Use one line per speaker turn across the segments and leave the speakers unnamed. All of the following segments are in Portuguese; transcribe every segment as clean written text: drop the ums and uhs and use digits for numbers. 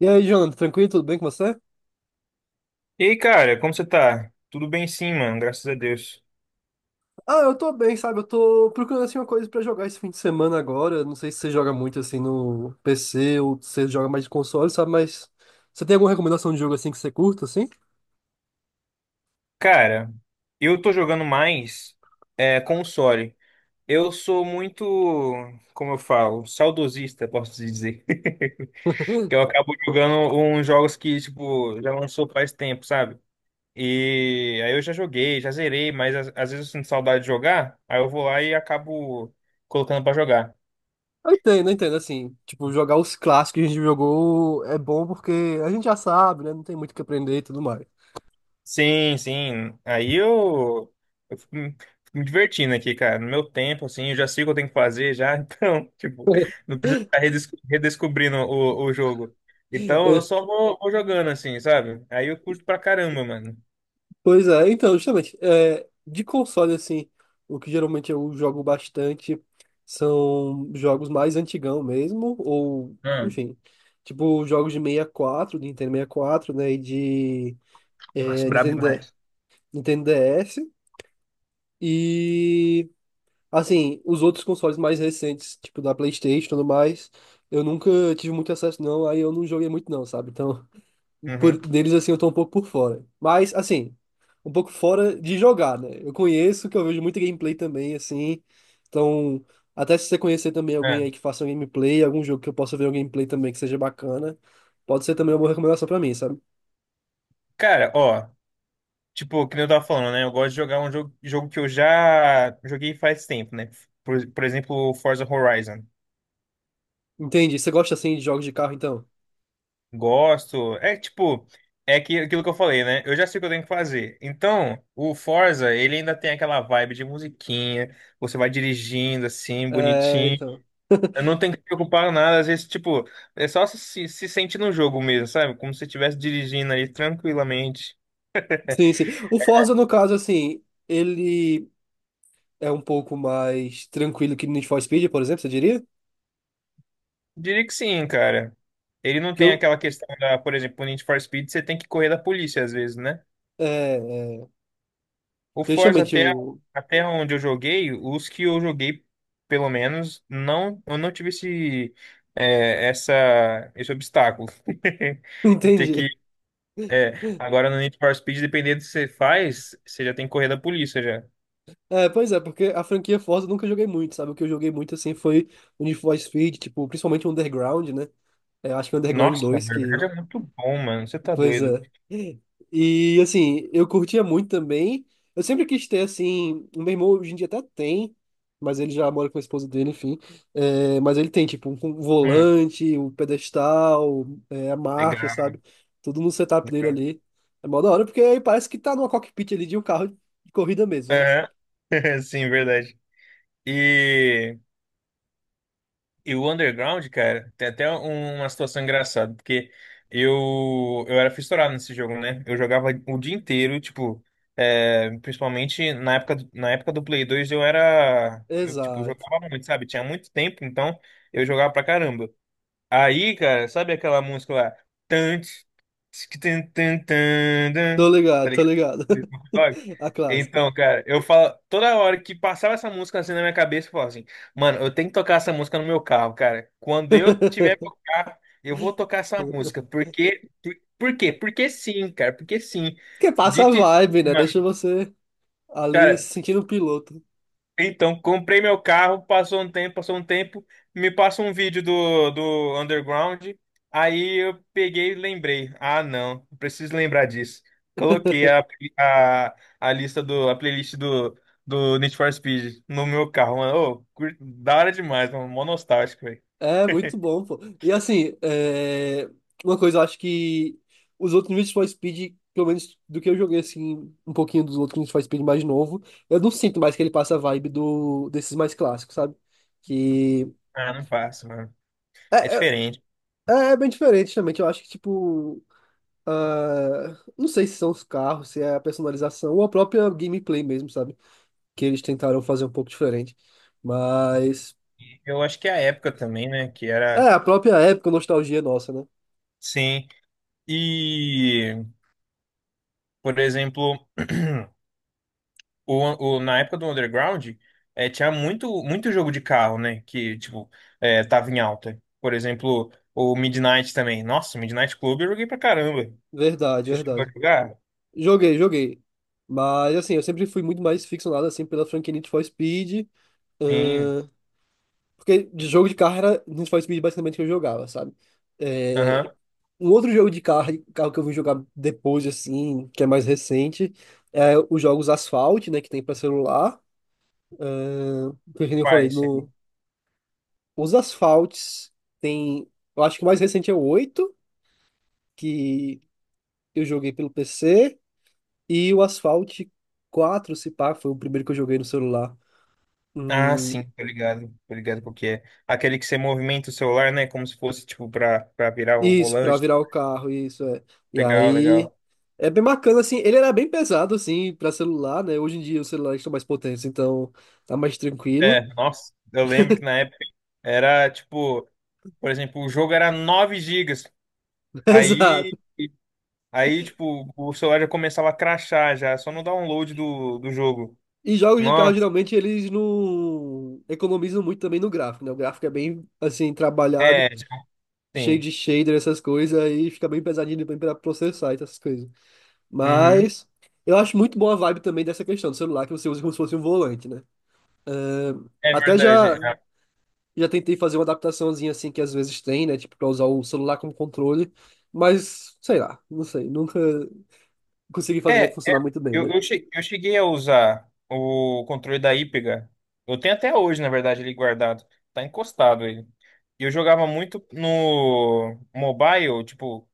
E aí, Jonathan, tranquilo? Tudo bem com você?
E aí, cara, como você tá? Tudo bem sim, mano, graças a Deus.
Ah, eu tô bem, sabe? Eu tô procurando assim uma coisa pra jogar esse fim de semana agora. Não sei se você joga muito assim no PC ou se você joga mais de console, sabe? Mas você tem alguma recomendação de jogo assim que você curta, assim?
Cara, eu tô jogando mais console. Eu sou muito, como eu falo, saudosista, posso dizer. Que eu acabo jogando uns jogos que, tipo, já lançou faz tempo, sabe? E aí eu já joguei, já zerei, mas às vezes eu sinto saudade de jogar, aí eu vou lá e acabo colocando pra jogar.
Eu entendo, assim. Tipo, jogar os clássicos que a gente jogou é bom porque a gente já sabe, né? Não tem muito o que aprender e tudo mais.
Sim, sim. Aí eu fico me divertindo aqui, cara. No meu tempo, assim, eu já sei o que eu tenho que fazer já. Então, tipo, não preciso ficar redescobrindo o jogo. Então, eu só vou jogando, assim, sabe? Aí eu curto pra caramba, mano.
Pois é, então, justamente, de console, assim, o que geralmente eu jogo bastante são jogos mais antigão mesmo, ou,
Hum.
enfim, tipo jogos de 64 de Nintendo 64, né, e de
Nossa, brabo
Nintendo,
demais.
Nintendo DS, e, assim, os outros consoles mais recentes, tipo da PlayStation e tudo mais, eu nunca tive muito acesso não, aí eu não joguei muito não, sabe? Então,
Uhum.
deles, assim, eu tô um pouco por fora. Mas, assim, um pouco fora de jogar, né? Eu conheço, que eu vejo muita gameplay também, assim. Então, até se você conhecer também alguém
É.
aí que faça um gameplay, algum jogo que eu possa ver um gameplay também que seja bacana, pode ser também uma boa recomendação pra mim, sabe?
Cara, ó, tipo, que nem eu tava falando, né? Eu gosto de jogar um jogo, jogo que eu já joguei faz tempo, né? Por exemplo, o Forza Horizon.
Entendi. Você gosta, assim, de jogos de carro, então?
Gosto. É tipo, é que, aquilo que eu falei, né? Eu já sei o que eu tenho que fazer. Então, o Forza, ele ainda tem aquela vibe de musiquinha, você vai dirigindo assim,
É,
bonitinho.
então.
Eu não tenho que me preocupar com nada, às vezes, tipo, é só se sentir no jogo mesmo, sabe? Como se você estivesse dirigindo ali tranquilamente.
Sim, sim. O Forza, no caso, assim, ele é um pouco mais tranquilo que o Need for Speed, por exemplo, você diria?
Diria que sim, cara. Ele não
Que
tem
eu.
aquela questão da, por exemplo, no Need for Speed, você tem que correr da polícia às vezes, né?
É, é,
O
que
Forza
justamente
até,
o.
até onde eu joguei, os que eu joguei, pelo menos, não, eu não tive esse obstáculo. De ter que.
Entendi.
Agora no Need for Speed, dependendo do que você faz, você já tem que correr da polícia já.
É, pois é, porque a franquia Forza eu nunca joguei muito, sabe? O que eu joguei muito, assim, foi o Need for Speed, tipo, principalmente o Underground, né? É, acho que o Underground
Nossa, na
dois que...
verdade é muito bom, mano. Você tá
Pois
doido.
é. E, assim, eu curtia muito também. Eu sempre quis ter, assim... O meu irmão hoje em dia até tem, mas ele já mora com a esposa dele, enfim. É, mas ele tem, tipo, um
Hum,
volante, o pedestal, a marcha,
legal,
sabe? Tudo no setup dele
legal.
ali. É mó da hora, porque aí parece que tá numa cockpit ali de um carro de corrida mesmo, né?
Aham. Sim, verdade. E. E o underground, cara, tem até uma situação engraçada, porque eu era fissurado nesse jogo, né? Eu jogava o dia inteiro, tipo, principalmente na época, na época do Play 2 eu era. Eu, tipo,
Exato.
jogava muito, sabe? Tinha muito tempo, então eu jogava pra caramba. Aí, cara, sabe aquela música lá? Tantes. Tan, tan, tan, tan,
Tô
dan. Tá
ligado, tô
ligado?
ligado.
Do Snoop Dogg?
A clássica.
Então, cara, eu falo, toda hora que passava essa música assim na minha cabeça, eu falava assim, mano, eu tenho que tocar essa música no meu carro, cara. Quando eu tiver meu carro, eu vou tocar essa música. Porque, por quê? Porque sim, cara, porque sim.
Porque passa a
Dito e feito,
vibe, né?
mano,
Deixa você ali
cara,
se sentindo um piloto.
então, comprei meu carro, passou um tempo, me passa um vídeo do Underground, aí eu peguei e lembrei. Ah, não, preciso lembrar disso. Coloquei a, a lista do, a playlist do Need for Speed no meu carro, mano. Ô, da hora demais, mano, mó nostálgico, velho.
É muito bom, pô. E assim, é, uma coisa eu acho que os outros Need for Speed, pelo menos do que eu joguei assim, um pouquinho dos outros Need for Speed mais novo, eu não sinto mais que ele passa a vibe do desses mais clássicos, sabe? Que
Ah, não passa, mano. É
é,
diferente.
é bem diferente, realmente. Eu acho que, tipo, Ah, não sei se são os carros, se é a personalização ou a própria gameplay mesmo, sabe? Que eles tentaram fazer um pouco diferente. Mas
Eu acho que é a época também, né, que
é
era,
a própria época, nostalgia nossa, né?
sim. E, por exemplo, na época do Underground, tinha muito, muito jogo de carro, né? Que, tipo, tava em alta. Por exemplo, o Midnight também. Nossa, o Midnight Club eu joguei pra caramba.
Verdade,
Você chegou a
verdade.
jogar?
Joguei, joguei. Mas assim, eu sempre fui muito mais ficcionado assim pela franquia Need for Speed,
Sim.
porque de jogo de carro era Need for Speed basicamente que eu jogava, sabe? É,
Aham.
um outro jogo de carro, que eu vim jogar depois assim, que é mais recente, é os jogos Asphalt, né, que tem pra celular. Porque, como eu
Vai,
falei,
esse aí.
no, os asfaltes tem, eu acho que o mais recente é o 8 que eu joguei pelo PC, e o Asphalt 4 se pá, foi o primeiro que eu joguei no celular.
Ah,
Hum,
sim, tô ligado. Tô ligado porque é. Aquele que você movimenta o celular, né? Como se fosse, tipo, pra virar o
isso, pra
volante.
virar o carro, isso é. E
Legal,
aí
legal.
é bem bacana assim, ele era bem pesado assim pra celular, né? Hoje em dia os celulares estão mais potentes, então tá mais
É,
tranquilo.
nossa, eu lembro que na época era, tipo, por exemplo, o jogo era 9 gigas.
Exato.
Aí. Aí, tipo, o celular já começava a crashar já, só no download do jogo.
E jogos de carro
Nossa,
geralmente eles não economizam muito também no gráfico, né? O gráfico é bem assim trabalhado,
é, sim.
cheio de shader, essas coisas, aí fica bem pesadinho depois pra processar e essas coisas.
Uhum.
Mas eu acho muito boa a vibe também dessa questão do celular que você usa como se fosse um volante, né?
É
Até já
verdade.
já tentei fazer uma adaptaçãozinha assim que às vezes tem, né? Tipo, pra usar o celular como controle, mas sei lá, não sei, nunca consegui fazer
É,
funcionar
é.
muito bem, né?
Eu cheguei a usar o controle da Ípega. Eu tenho até hoje, na verdade, ele guardado. Tá encostado ele. E eu jogava muito no mobile, tipo,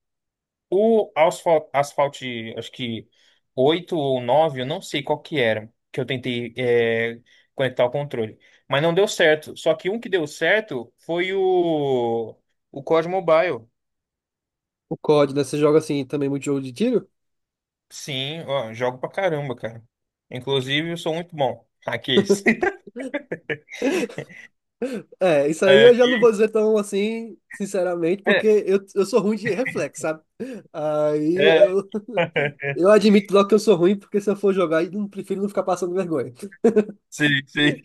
Asphalt, acho que 8 ou 9 eu não sei qual que era, que eu tentei conectar o controle. Mas não deu certo. Só que um que deu certo foi o COD Mobile.
O COD, né? Você joga assim também muito jogo de tiro?
Sim, ó, jogo pra caramba, cara. Inclusive, eu sou muito bom. Aqueles.
É, isso aí
É,
eu já não vou dizer tão assim, sinceramente, porque
é,
eu sou ruim de reflexo, sabe? Aí
é,
eu admito logo que eu sou ruim, porque se eu for jogar, eu não- prefiro não ficar passando vergonha.
sim, sim.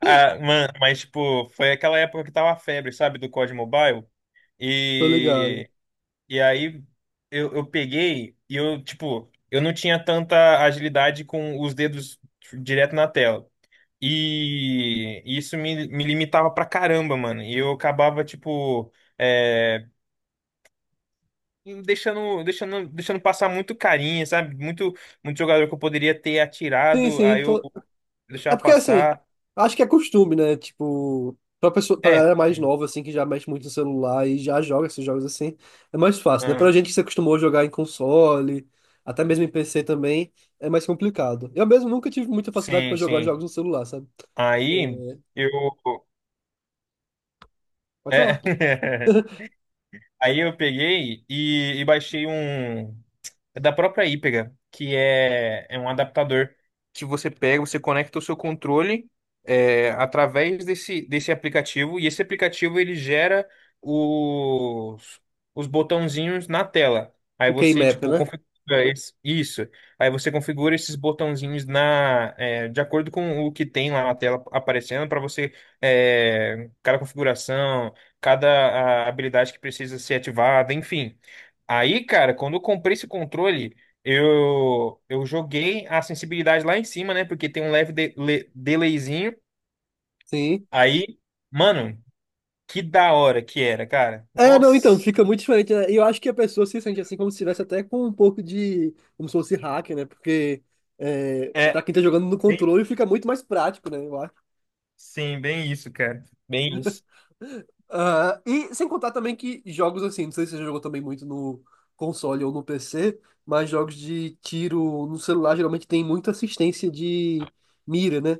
Ah, mano, mas, tipo, foi aquela época que tava a febre, sabe, do COD Mobile.
Tô ligado.
E E aí eu peguei e eu, tipo, eu não tinha tanta agilidade com os dedos direto na tela. E isso me limitava pra caramba, mano. E eu acabava, tipo, é, deixando passar muito carinha, sabe? Muito jogador que eu poderia ter
Sim,
atirado,
sim,
aí eu
tô... É
deixava
porque, assim,
passar.
acho que é costume, né? Tipo, pra pessoa, pra
É,
galera mais nova, assim, que já mexe muito no celular e já joga esses jogos assim, é mais fácil, né?
ah,
Pra gente que se acostumou a jogar em console, até mesmo em PC também, é mais complicado. Eu mesmo nunca tive muita facilidade
sim,
pra jogar
sim.
jogos no celular, sabe?
Aí
É,
eu.
Pode falar.
É. Aí eu peguei e baixei um. É da própria Hypega, que é um adaptador que você pega, você conecta o seu controle é, através desse aplicativo, e esse aplicativo ele gera os, os botãozinhos na tela. Aí
O
você,
Keymap,
tipo,
né?
configura isso. Aí você configura esses botãozinhos na, é, de acordo com o que tem lá na tela aparecendo, para você, é, cada configuração, cada a, habilidade que precisa ser ativada, enfim. Aí, cara, quando eu comprei esse controle, eu joguei a sensibilidade lá em cima, né? Porque tem um leve delayzinho.
Sim.
Aí, mano, que da hora que era, cara.
É, não, então,
Nossa.
fica muito diferente, né? E eu acho que a pessoa se sente assim, como se estivesse até com um pouco de. Como se fosse hacker, né? Porque pra
É,
quem tá jogando no
bem-
controle fica muito mais prático, né? Eu acho.
sim, bem isso, cara. Bem isso.
Ah, e sem contar também que jogos assim, não sei se você jogou também muito no console ou no PC, mas jogos de tiro no celular geralmente tem muita assistência de mira, né?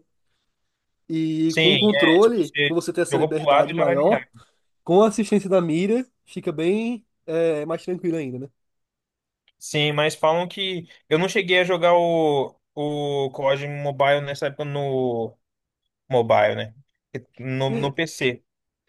E com o
Sim, é, tipo,
controle,
você
pra você ter essa
jogou pro lado
liberdade
e já vai
maior,
virar.
com a assistência da mira, fica bem, mais tranquilo ainda,
Sim, mas falam que eu não cheguei a jogar o COD Mobile nessa época no mobile, né? No
né?
PC.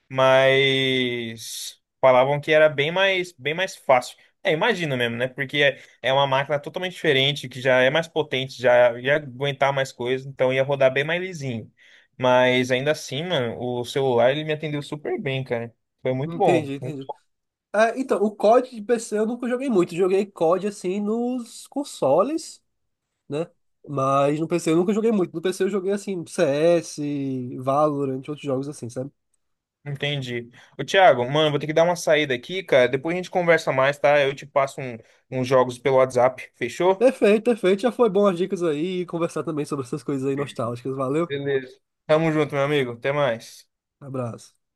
Mas falavam que era bem mais fácil. É, imagino mesmo, né? Porque é, é uma máquina totalmente diferente, que já é mais potente, já ia aguentar mais coisas, então ia rodar bem mais lisinho. Mas ainda assim, mano, o celular ele me atendeu super bem, cara. Foi muito
Entendi,
bom.
entendi. É, então, o COD de PC eu nunca joguei muito. Joguei COD assim nos consoles, né? Mas no PC eu nunca joguei muito. No PC eu joguei assim CS, Valorant, outros jogos assim, sabe?
Entendi. Ô, Thiago, mano, vou ter que dar uma saída aqui, cara. Depois a gente conversa mais, tá? Eu te passo um, uns jogos pelo WhatsApp. Fechou?
Perfeito, perfeito. Já foi bom as dicas aí e conversar também sobre essas coisas aí nostálgicas. Valeu,
Beleza. Tamo junto, meu amigo. Até mais.
abraço.